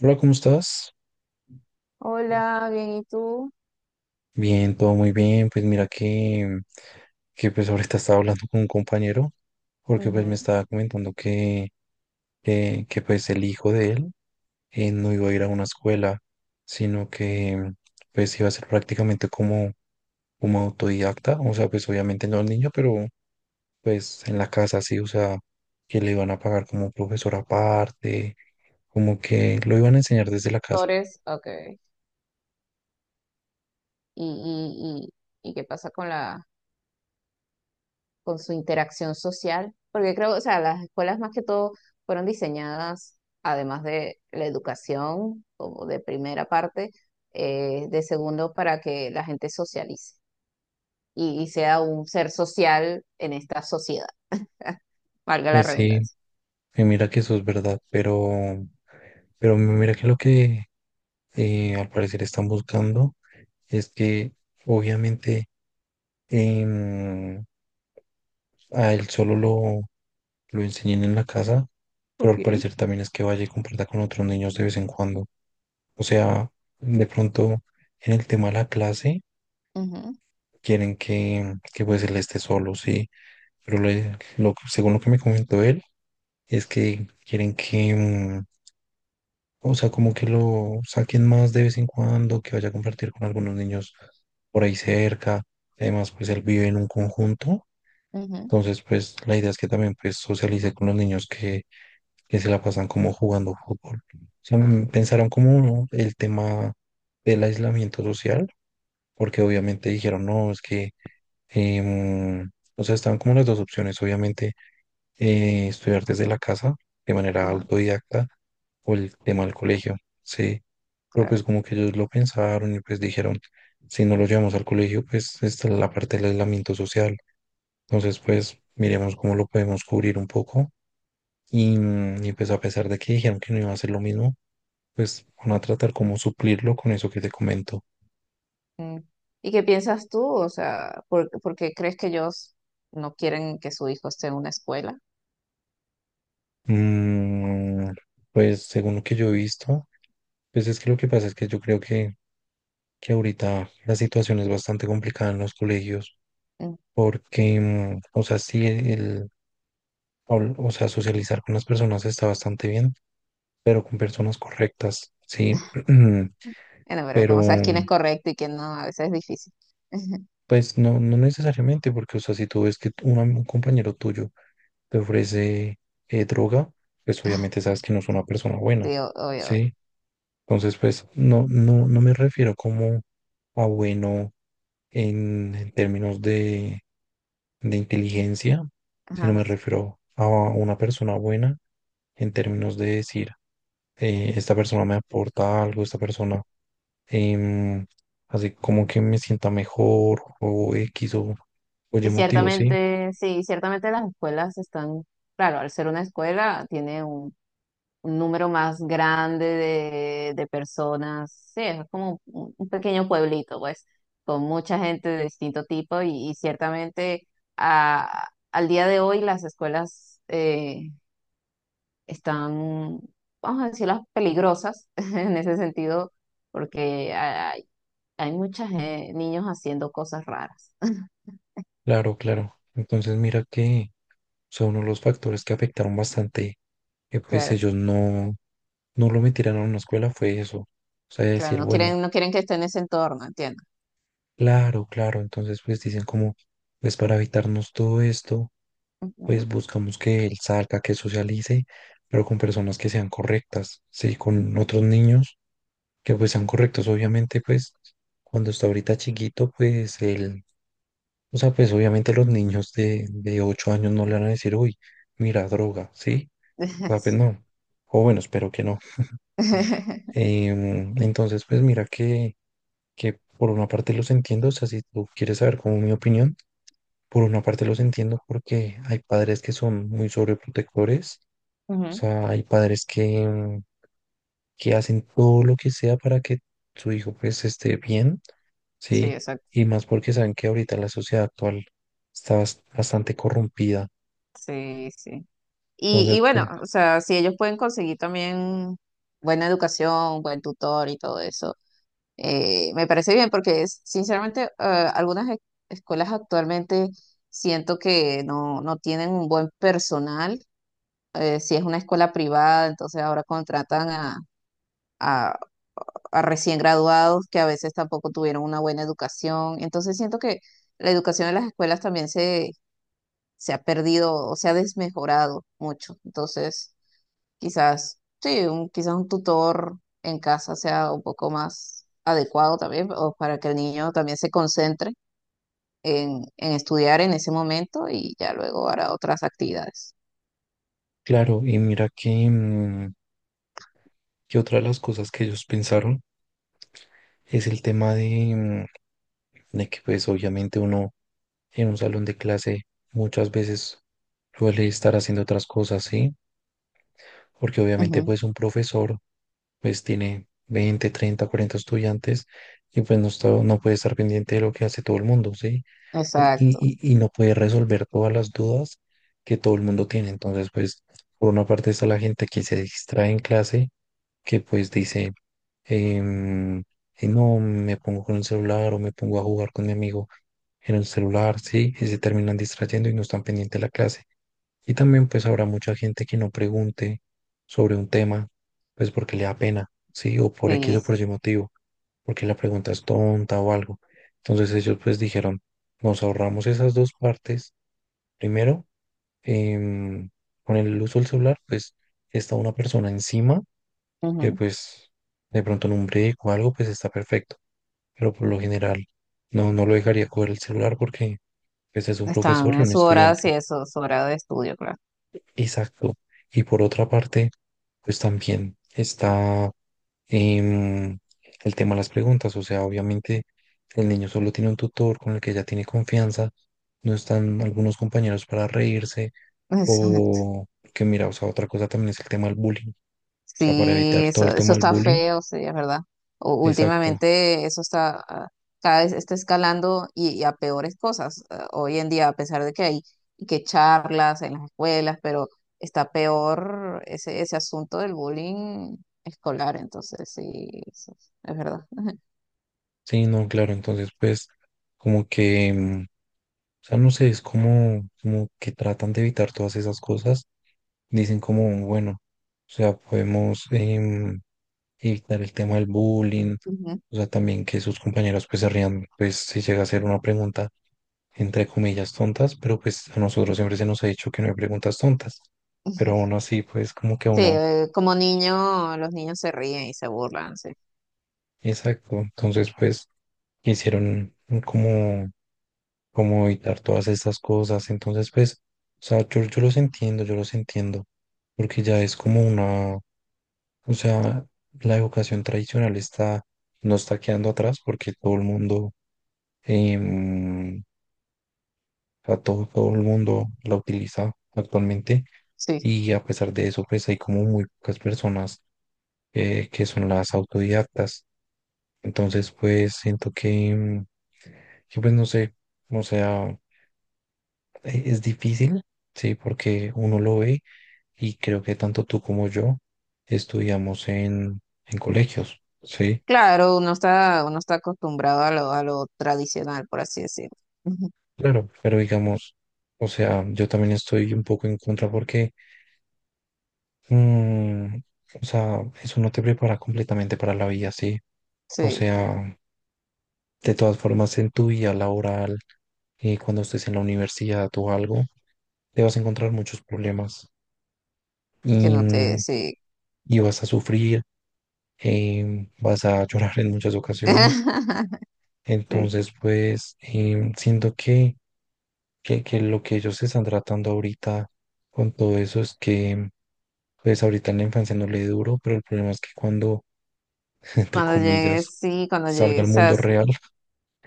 Hola, ¿cómo estás? Hola, bien, ¿y tú? Bien, todo muy bien. Pues mira que pues ahorita estaba hablando con un compañero porque pues me Ujú. estaba comentando que pues el hijo de él no iba a ir a una escuela, sino que pues iba a ser prácticamente como autodidacta. O sea, pues obviamente no el niño, pero pues en la casa sí, o sea, que le iban a pagar como profesor aparte, como que lo iban a enseñar desde la casa. Torres, ok. Y, y qué pasa con con su interacción social? Porque creo, o sea, las escuelas más que todo fueron diseñadas, además de la educación, como de primera parte, de segundo, para que la gente socialice y sea un ser social en esta sociedad, valga la Pues sí, redundancia. y mira que eso es verdad, pero... Pero mira que lo que al parecer están buscando es que obviamente em, a él lo enseñen en la casa, pero al Ok. parecer también es que vaya y comparta con otros niños de vez en cuando. O sea, de pronto en el tema de la clase Ujú, quieren que pues él esté solo, sí, pero lo, según lo que me comentó él es que quieren que, o sea, como que lo saquen más de vez en cuando, que vaya a compartir con algunos niños por ahí cerca. Además, pues él vive en un conjunto. ujú. Entonces, pues la idea es que también pues socialice con los niños que se la pasan como jugando fútbol. O sea, Ah, pensaron como ¿no? el tema del aislamiento social, porque obviamente dijeron, no, es que, em, o sea, estaban como las dos opciones, obviamente, estudiar desde la casa de manera ajá, autodidacta o el tema del colegio. Sí. Pero claro. pues como que ellos lo pensaron y pues dijeron, si no lo llevamos al colegio, pues está la parte del aislamiento social. Entonces pues miremos cómo lo podemos cubrir un poco. Y pues a pesar de que dijeron que no iba a ser lo mismo, pues van a tratar como suplirlo con eso que te comento. Mm. ¿Y qué piensas tú? O sea, ¿ por qué crees que ellos no quieren que su hijo esté en una escuela? Mm, pues según lo que yo he visto, pues es que lo que pasa es que yo creo que ahorita la situación es bastante complicada en los colegios Mm. porque, o sea, sí, o sea, socializar con las personas está bastante bien, pero con personas correctas, sí, Bueno, pero pero como sabes quién es correcto y quién no, a veces es difícil. pues no, no necesariamente porque, o sea, si tú ves que un compañero tuyo te ofrece droga, pues obviamente sabes que no es una persona buena, Sí, obvio, obvio. ¿sí? Entonces, pues no, no, no me refiero como a bueno en términos de inteligencia, sino Ajá, me sí. refiero a una persona buena en términos de decir, esta persona me aporta algo, esta persona em, hace como que me sienta mejor o X o Y Y motivo, ¿sí? ciertamente, sí, ciertamente las escuelas están, claro, al ser una escuela tiene un número más grande de personas. Sí, es como un pequeño pueblito, pues, con mucha gente de distinto tipo y ciertamente al día de hoy las escuelas están, vamos a decirlas, peligrosas en ese sentido, porque hay muchos niños haciendo cosas raras. Claro, claro. Entonces mira que son uno de los factores que afectaron bastante que pues Claro, ellos no, no lo metieran a una escuela fue eso. O sea, claro, decir, no bueno, quieren, no quieren que esté en ese entorno, entiendo. claro, claro. Entonces, pues dicen como, pues para evitarnos todo esto, Ujú. pues buscamos que él salga, que socialice, pero con personas que sean correctas, sí, con otros niños que pues sean correctos. Obviamente, pues cuando está ahorita chiquito, pues él, o sea, pues obviamente los niños de 8 años no le van a decir, uy, mira, droga, ¿sí? O sea, pues no. O bueno, espero que no. Entonces, pues mira que por una parte los entiendo, o sea, si tú quieres saber como mi opinión, por una parte los entiendo porque hay padres que son muy sobreprotectores, o Ujú, sea, hay padres que, que hacen todo lo que sea para que su hijo pues esté bien, sí, ¿sí? exacto. Y más porque saben que ahorita la sociedad actual está bastante corrompida. Sí, sí. Y Entonces, bueno, pues o sea, si ellos pueden conseguir también buena educación, buen tutor y todo eso, me parece bien porque sinceramente algunas escuelas actualmente siento que no, no tienen un buen personal. Eh, si es una escuela privada, entonces ahora contratan a, a recién graduados que a veces tampoco tuvieron una buena educación. Entonces siento que la educación en las escuelas también se ha perdido o se ha desmejorado mucho. Entonces... Quizás, sí, quizás un tutor en casa sea un poco más adecuado también, o para que el niño también se concentre en estudiar en ese momento y ya luego hará otras actividades. claro, y mira que, que otra de las cosas que ellos pensaron es el tema de, de que pues obviamente uno en un salón de clase muchas veces suele estar haciendo otras cosas, ¿sí? Porque obviamente Ujú, pues un profesor pues tiene 20 30 40 estudiantes y pues no está, no puede estar pendiente de lo que hace todo el mundo, ¿sí? Exacto, Y no puede resolver todas las dudas que todo el mundo tiene. Entonces pues por una parte está la gente que se distrae en clase, que pues dice, em, no, me pongo con el celular o me pongo a jugar con mi amigo en el celular, ¿sí? Y se terminan distrayendo y no están pendientes de la clase. Y también pues habrá mucha gente que no pregunte sobre un tema, pues porque le da pena, ¿sí? O por X sí, o por sí. Y motivo, porque la pregunta es tonta o algo. Entonces ellos pues dijeron, nos ahorramos esas dos partes. Primero, em, con el uso del celular, pues está una persona encima que Ujú. pues de pronto en un break o algo, pues está perfecto. Pero por lo general no, no lo dejaría coger el celular porque pues es un profesor Están y en un su hora, sí, estudiante. eso, su hora de estudio, claro. Exacto. Y por otra parte, pues también está em, el tema de las preguntas. O sea, obviamente el niño solo tiene un tutor con el que ya tiene confianza. No están algunos compañeros para reírse. O que mira, o sea, otra cosa también es el tema del bullying. O sea, para Sí, evitar todo eso, el eso tema del está bullying, feo, sí, es verdad. Exacto. Últimamente eso está, ah, cada vez está escalando y a peores cosas. Ah, hoy en día, a pesar de que hay y que charlas en las escuelas, pero está peor ese, ese asunto del bullying escolar, entonces sí, eso es verdad. Sí, no, claro. Entonces, pues, como que, o sea, no sé, es como, como que tratan de evitar todas esas cosas. Dicen como, bueno, o sea, podemos evitar el tema del bullying. Ujú. O sea, también que sus compañeros pues se rían, pues si llega a ser una pregunta, entre comillas, tontas, pero pues a nosotros siempre se nos ha dicho que no hay preguntas tontas. Pero aún así, pues como que a Sí, uno como niño, los niños se ríen y se burlan, sí. exacto. Entonces, pues, quisieron como, como evitar todas estas cosas. Entonces, pues, o sea, yo los entiendo, yo los entiendo. Porque ya es como una, o sea, la educación tradicional está, no está quedando atrás porque todo el mundo, em, o sea, todo el mundo la utiliza actualmente. Sí, Y a pesar de eso, pues hay como muy pocas personas que son las autodidactas. Entonces, pues siento que, que, pues no sé, o sea, es difícil, sí, porque uno lo ve y creo que tanto tú como yo estudiamos en colegios, sí, claro, uno está acostumbrado a a lo tradicional, por así decirlo. Ujú. claro, pero digamos, o sea, yo también estoy un poco en contra porque, mm, o sea, eso no te prepara completamente para la vida, sí, o Sí. sea, de todas formas en tu vida laboral, cuando estés en la universidad o algo te vas a encontrar muchos problemas que y, no te, mm, Sí. y vas a sufrir, vas a llorar en muchas ocasiones. Sí. Entonces, pues siento que, que lo que ellos están tratando ahorita con todo eso es que, pues ahorita en la infancia no le duro, pero el problema es que cuando, entre Cuando comillas, llegues, sí, cuando salga al llegues, mundo real.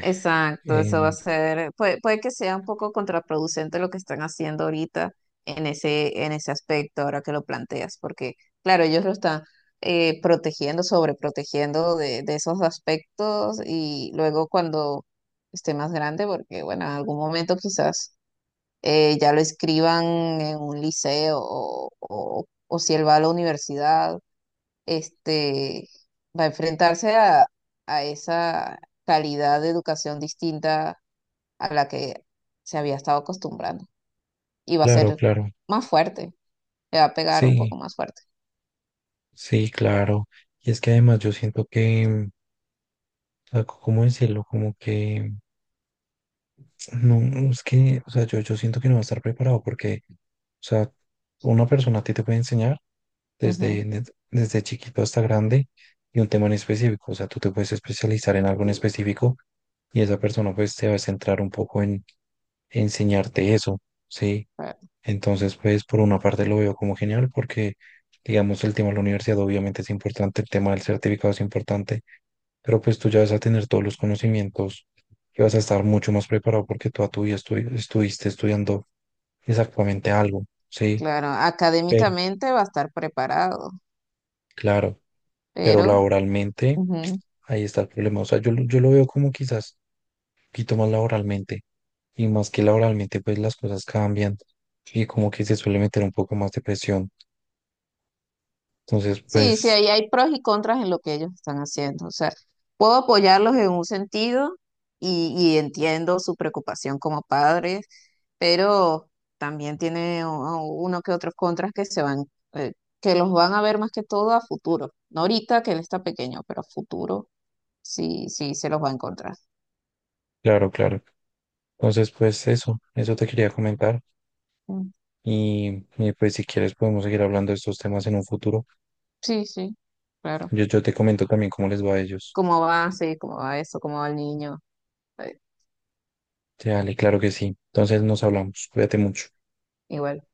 exacto, eso va a em, ser, puede, puede que sea un poco contraproducente lo que están haciendo ahorita en en ese aspecto, ahora que lo planteas, porque claro, ellos lo están protegiendo, sobreprotegiendo de esos aspectos y luego cuando esté más grande, porque bueno, en algún momento quizás ya lo escriban en un liceo o o si él va a la universidad este, va a enfrentarse a esa calidad de educación distinta a la que se había estado acostumbrando y va a claro, ser claro. más fuerte, le va a pegar un poco Sí, más fuerte. sí, claro. Y es que además yo siento que, o sea, ¿cómo decirlo? Como que no, es que, o sea, yo siento que no va a estar preparado porque, o sea, una persona a ti te puede enseñar Ujú, desde chiquito hasta grande y un tema en específico, o sea, tú te puedes especializar en algo en específico y esa persona pues te va a centrar un poco en enseñarte eso, ¿sí? claro, Entonces, pues por una parte lo veo como genial porque, digamos, el tema de la universidad obviamente es importante, el tema del certificado es importante, pero pues tú ya vas a tener todos los conocimientos y vas a estar mucho más preparado porque toda tu vida estuviste estudiando exactamente algo, ¿sí? claro, Pero, académicamente va a estar preparado, claro, pero pero laboralmente, ujú, ahí está el problema. O sea, yo lo veo como quizás un poquito más laboralmente y más que laboralmente, pues las cosas cambian y como que se suele meter un poco más de presión. Entonces, sí, sí, pues, ahí hay pros y contras en lo que ellos están haciendo. O sea, puedo apoyarlos en un sentido y entiendo su preocupación como padres, pero también tiene uno que otros contras que se van, eh, que los van a ver más que todo a futuro. No ahorita que él está pequeño, pero a futuro sí, sí se los va a encontrar. claro, claro. Entonces, pues eso te quería comentar. Mm, Y pues si quieres podemos seguir hablando de estos temas en un futuro. sí, sí, claro. Yo te comento también cómo les va a ellos. ¿Cómo va? Sí, cómo va eso, cómo va el niño. Eh, Sí, dale, claro que sí. Entonces nos hablamos. Cuídate mucho. igual.